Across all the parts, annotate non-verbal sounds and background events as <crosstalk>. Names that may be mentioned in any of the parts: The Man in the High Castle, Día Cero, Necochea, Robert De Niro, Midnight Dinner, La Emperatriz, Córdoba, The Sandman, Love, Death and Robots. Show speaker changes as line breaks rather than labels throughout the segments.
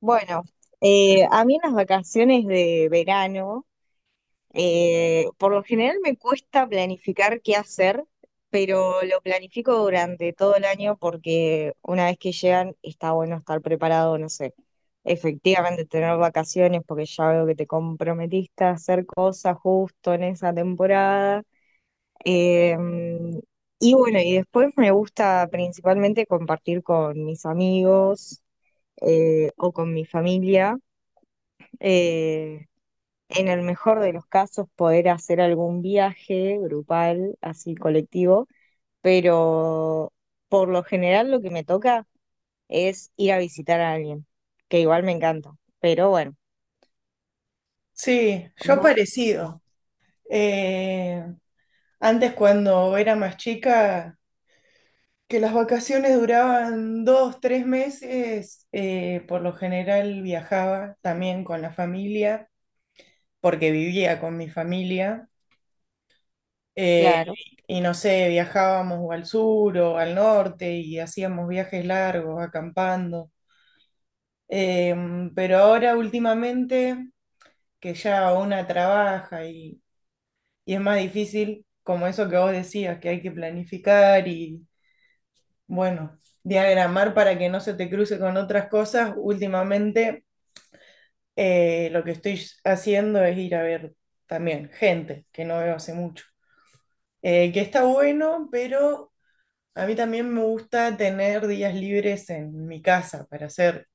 Bueno, a mí en las vacaciones de verano, por lo general me cuesta planificar qué hacer, pero lo planifico durante todo el año porque una vez que llegan está bueno estar preparado, no sé, efectivamente tener vacaciones porque ya veo que te comprometiste a hacer cosas justo en esa temporada. Eh, y bueno, y después me gusta principalmente compartir con mis amigos o con mi familia. Eh, en el mejor de los casos, poder hacer algún viaje grupal, así colectivo, pero por lo general lo que me toca es ir a visitar a alguien, que igual me encanta, pero bueno,
Sí, yo
¿Vos?
parecido. Eh, Antes cuando era más chica, que las vacaciones duraban 2, 3 meses, por lo general viajaba también con la familia, porque vivía con mi familia. Eh,
Claro.
y no sé, viajábamos o al sur o al norte y hacíamos viajes largos, acampando. Eh, pero ahora últimamente, que ya una trabaja y es más difícil, como eso que vos decías, que hay que planificar y, bueno, diagramar para que no se te cruce con otras cosas. Últimamente, lo que estoy haciendo es ir a ver también gente que no veo hace mucho. Que está bueno, pero a mí también me gusta tener días libres en mi casa para hacer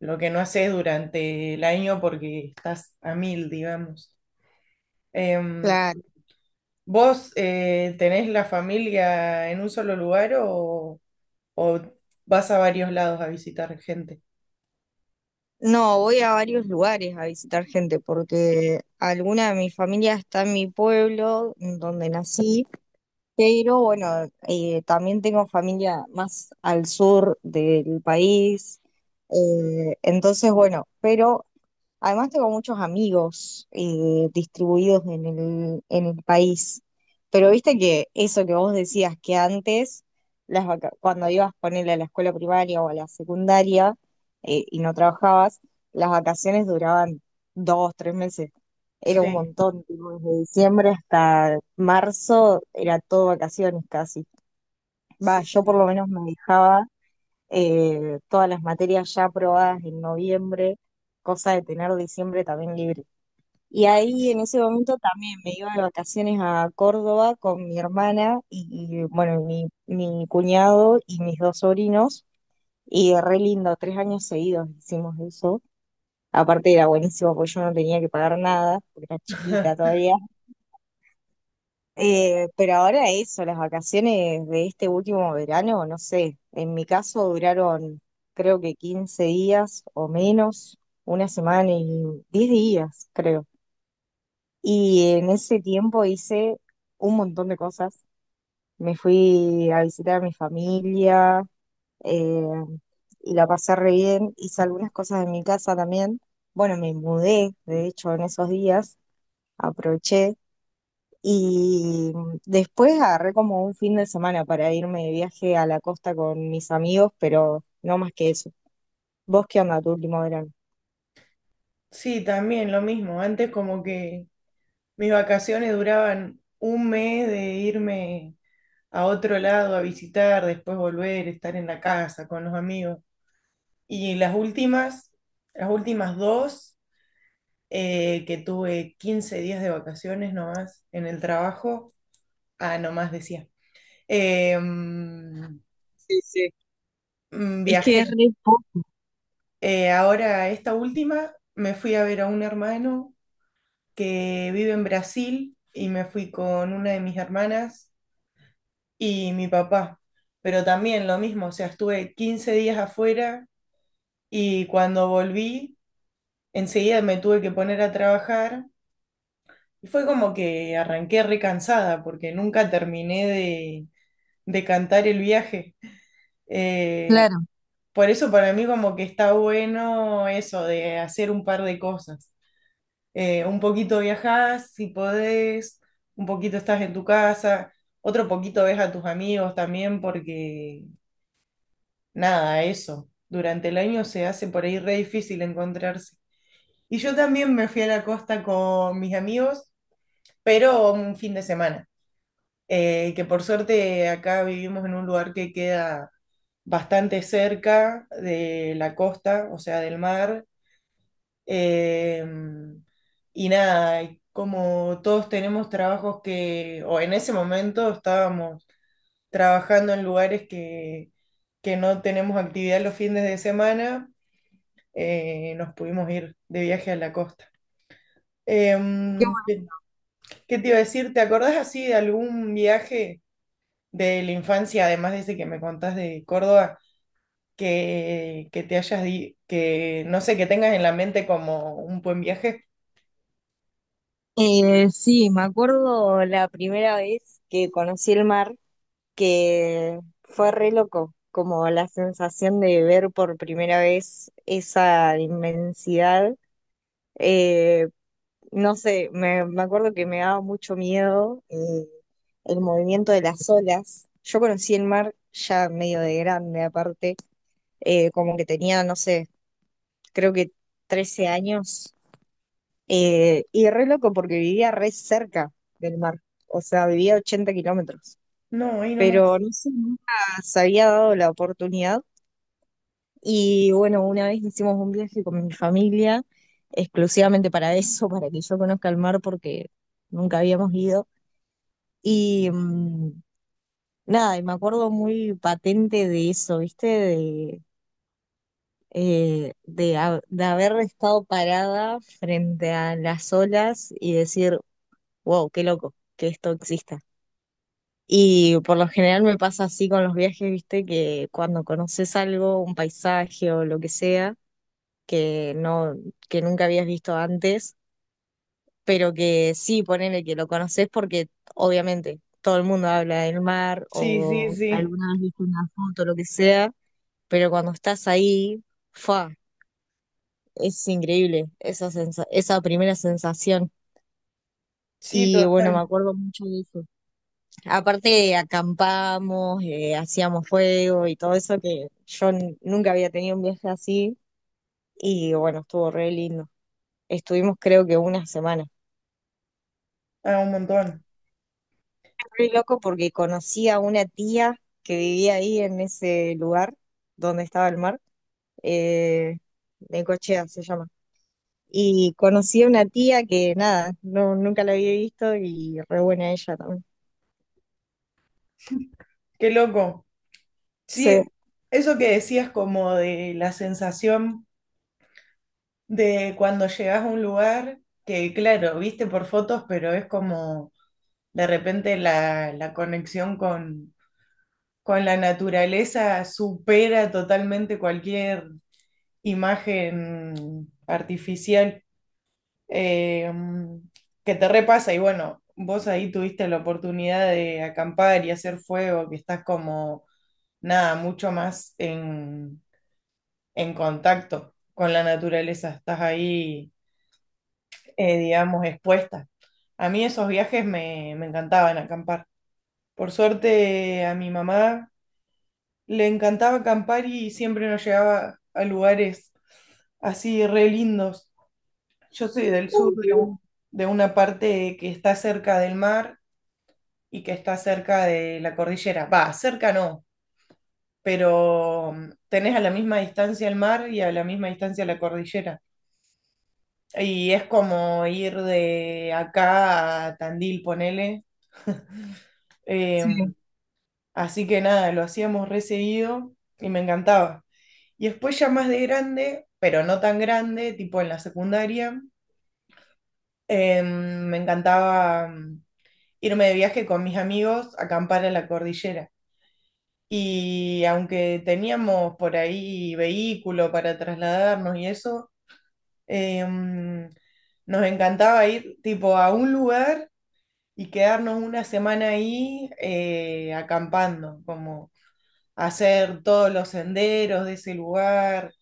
lo que no haces durante el año porque estás a mil, digamos. Em,
Claro.
¿Vos tenés la familia en un solo lugar o, vas a varios lados a visitar gente?
No, voy a varios lugares a visitar gente porque alguna de mi familia está en mi pueblo, en donde nací. Pero bueno, también tengo familia más al sur del país. Entonces, bueno, pero además tengo muchos amigos distribuidos en el país, pero viste que eso que vos decías que antes, cuando ibas ponerle a la escuela primaria o a la secundaria y no trabajabas, las vacaciones duraban 2, 3 meses. Era un
Sí,
montón, tipo, desde diciembre hasta marzo era todo vacaciones casi. Va,
sí,
yo
sí.
por lo menos me dejaba todas las materias ya aprobadas en noviembre, cosa de tener diciembre también libre. Y ahí
Sí,
en ese momento también me iba de vacaciones a Córdoba con mi hermana y, bueno, mi cuñado y mis dos sobrinos. Y re lindo, 3 años seguidos hicimos eso. Aparte era buenísimo porque yo no tenía que pagar nada, porque era chiquita
<laughs>
todavía, pero ahora eso, las vacaciones de este último verano, no sé, en mi caso duraron creo que 15 días o menos, una semana y 10 días, creo. Y en ese tiempo hice un montón de cosas. Me fui a visitar a mi familia eh, y la pasé re bien. Hice algunas cosas en mi casa también. Bueno, me mudé, de hecho, en esos días, aproveché. Y después agarré como un fin de semana para irme de viaje a la costa con mis amigos, pero no más que eso. ¿Vos qué onda tu último verano?
Sí, también lo mismo. Antes como que mis vacaciones duraban un mes de irme a otro lado a visitar, después volver, estar en la casa con los amigos. Y las últimas dos. Que tuve 15 días de vacaciones nomás en el trabajo. Ah, nomás decía. Eh, mm,
Sí, sí. Es que
Viajé.
es re po-
Ahora, esta última, me fui a ver a un hermano que vive en Brasil y me fui con una de mis hermanas y mi papá. Pero también lo mismo, o sea, estuve 15 días afuera y cuando volví, enseguida me tuve que poner a trabajar. Y fue como que arranqué recansada porque nunca terminé de cantar el viaje. Eh,
Claro,
por eso para mí como que está bueno eso de hacer un par de cosas. Un poquito viajás si podés, un poquito estás en tu casa, otro poquito ves a tus amigos también porque nada, eso. Durante el año se hace por ahí re difícil encontrarse. Y yo también me fui a la costa con mis amigos, pero un fin de semana. Que por suerte acá vivimos en un lugar que queda bastante cerca de la costa, o sea, del mar. eh, y nada, y como todos tenemos trabajos que, o en ese momento estábamos trabajando en lugares que, no tenemos actividad los fines de semana, nos pudimos ir de viaje a la costa.
qué
Em,
bueno.
¿qué, qué te iba a decir? ¿Te acordás así de algún viaje de la infancia, además de ese que me contás de Córdoba? Que que no sé, que tengas en la mente como un buen viaje.
Sí, me acuerdo la primera vez que conocí el mar, que fue re loco, como la sensación de ver por primera vez esa inmensidad. eh, no sé, me acuerdo que me daba mucho miedo el movimiento de las olas. Yo conocí el mar ya medio de grande, aparte, como que tenía, no sé, creo que 13 años. Y re loco porque vivía re cerca del mar, o sea, vivía a 80 kilómetros,
No, ahí
pero
nomás.
no sé, nunca se había dado la oportunidad. Y bueno, una vez hicimos un viaje con mi familia, exclusivamente para eso, para que yo conozca el mar, porque nunca habíamos ido. Y nada, y me acuerdo muy patente de eso, ¿viste? De haber estado parada frente a las olas y decir, wow, qué loco que esto exista. Y por lo general me pasa así con los viajes, ¿viste? Que cuando conoces algo, un paisaje o lo que sea, que no, que nunca habías visto antes pero que sí, ponele que lo conoces porque obviamente todo el mundo habla del mar
Sí, sí,
o
sí.
alguna vez viste una foto, lo que sea, pero cuando estás ahí, fa, es increíble esa primera sensación.
Sí,
Y bueno, me
total.
acuerdo mucho de eso. Aparte, acampamos, hacíamos fuego y todo eso que yo nunca había tenido un viaje así y bueno, estuvo re lindo. Estuvimos creo que una semana.
Ah, un montón.
Re loco porque conocí a una tía que vivía ahí en ese lugar donde estaba el mar, eh, Necochea se llama. Y conocí a una tía que nada, no, nunca la había visto y re buena ella también.
Qué loco. Sí,
Sí.
eso que decías como de la sensación de cuando llegas a un lugar, que claro, viste por fotos, pero es como de repente la, conexión con la naturaleza supera totalmente cualquier imagen artificial. eh, que te repasa y bueno, vos ahí tuviste la oportunidad de acampar y hacer fuego, que estás como, nada, mucho más en, contacto con la naturaleza, estás ahí, digamos, expuesta. A mí esos viajes me encantaban acampar. Por suerte a mi mamá le encantaba acampar y siempre nos llevaba a lugares así re lindos. Yo soy del sur de,
Qué bien.
u- de una parte que está cerca del mar y que está cerca de la cordillera. Va, cerca no, pero tenés a la misma distancia el mar y a la misma distancia la cordillera. Y es como ir de acá a Tandil, ponele. <laughs>
Sí.
Em, Así que nada, lo hacíamos re seguido y me encantaba. Y después ya más de grande, pero no tan grande, tipo en la secundaria, me encantaba irme de viaje con mis amigos a acampar a la cordillera. Y aunque teníamos por ahí vehículo para trasladarnos y eso, em, nos encantaba ir tipo a un lugar y quedarnos una semana ahí acampando, como hacer todos los senderos de ese lugar,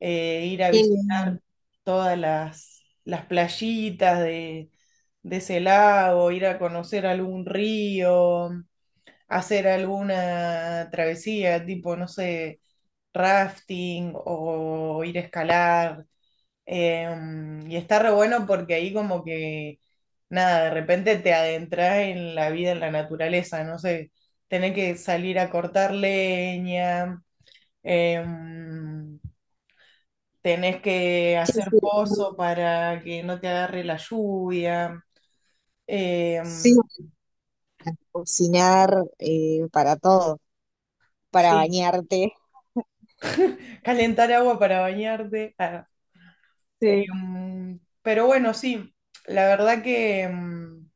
ir a
Qué bien.
visitar todas las, playitas de ese lago, ir a conocer algún río, hacer alguna travesía, tipo, no sé, rafting o ir a escalar. Y está re bueno porque ahí como que, nada, de repente te adentras en la vida, en la naturaleza, no sé, tenés que salir a cortar leña, em, tenés que
Sí,
hacer
sí, re-
pozo para que no te agarre la lluvia,
sí,
em,
para cocinar para todo, para
sí,
bañarte.
calentar agua para bañarte.
Sí.
Pero bueno, sí, la verdad que em,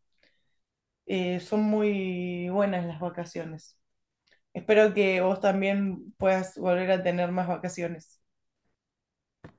eh, son muy buenas las vacaciones. Espero que vos también puedas volver a tener más vacaciones.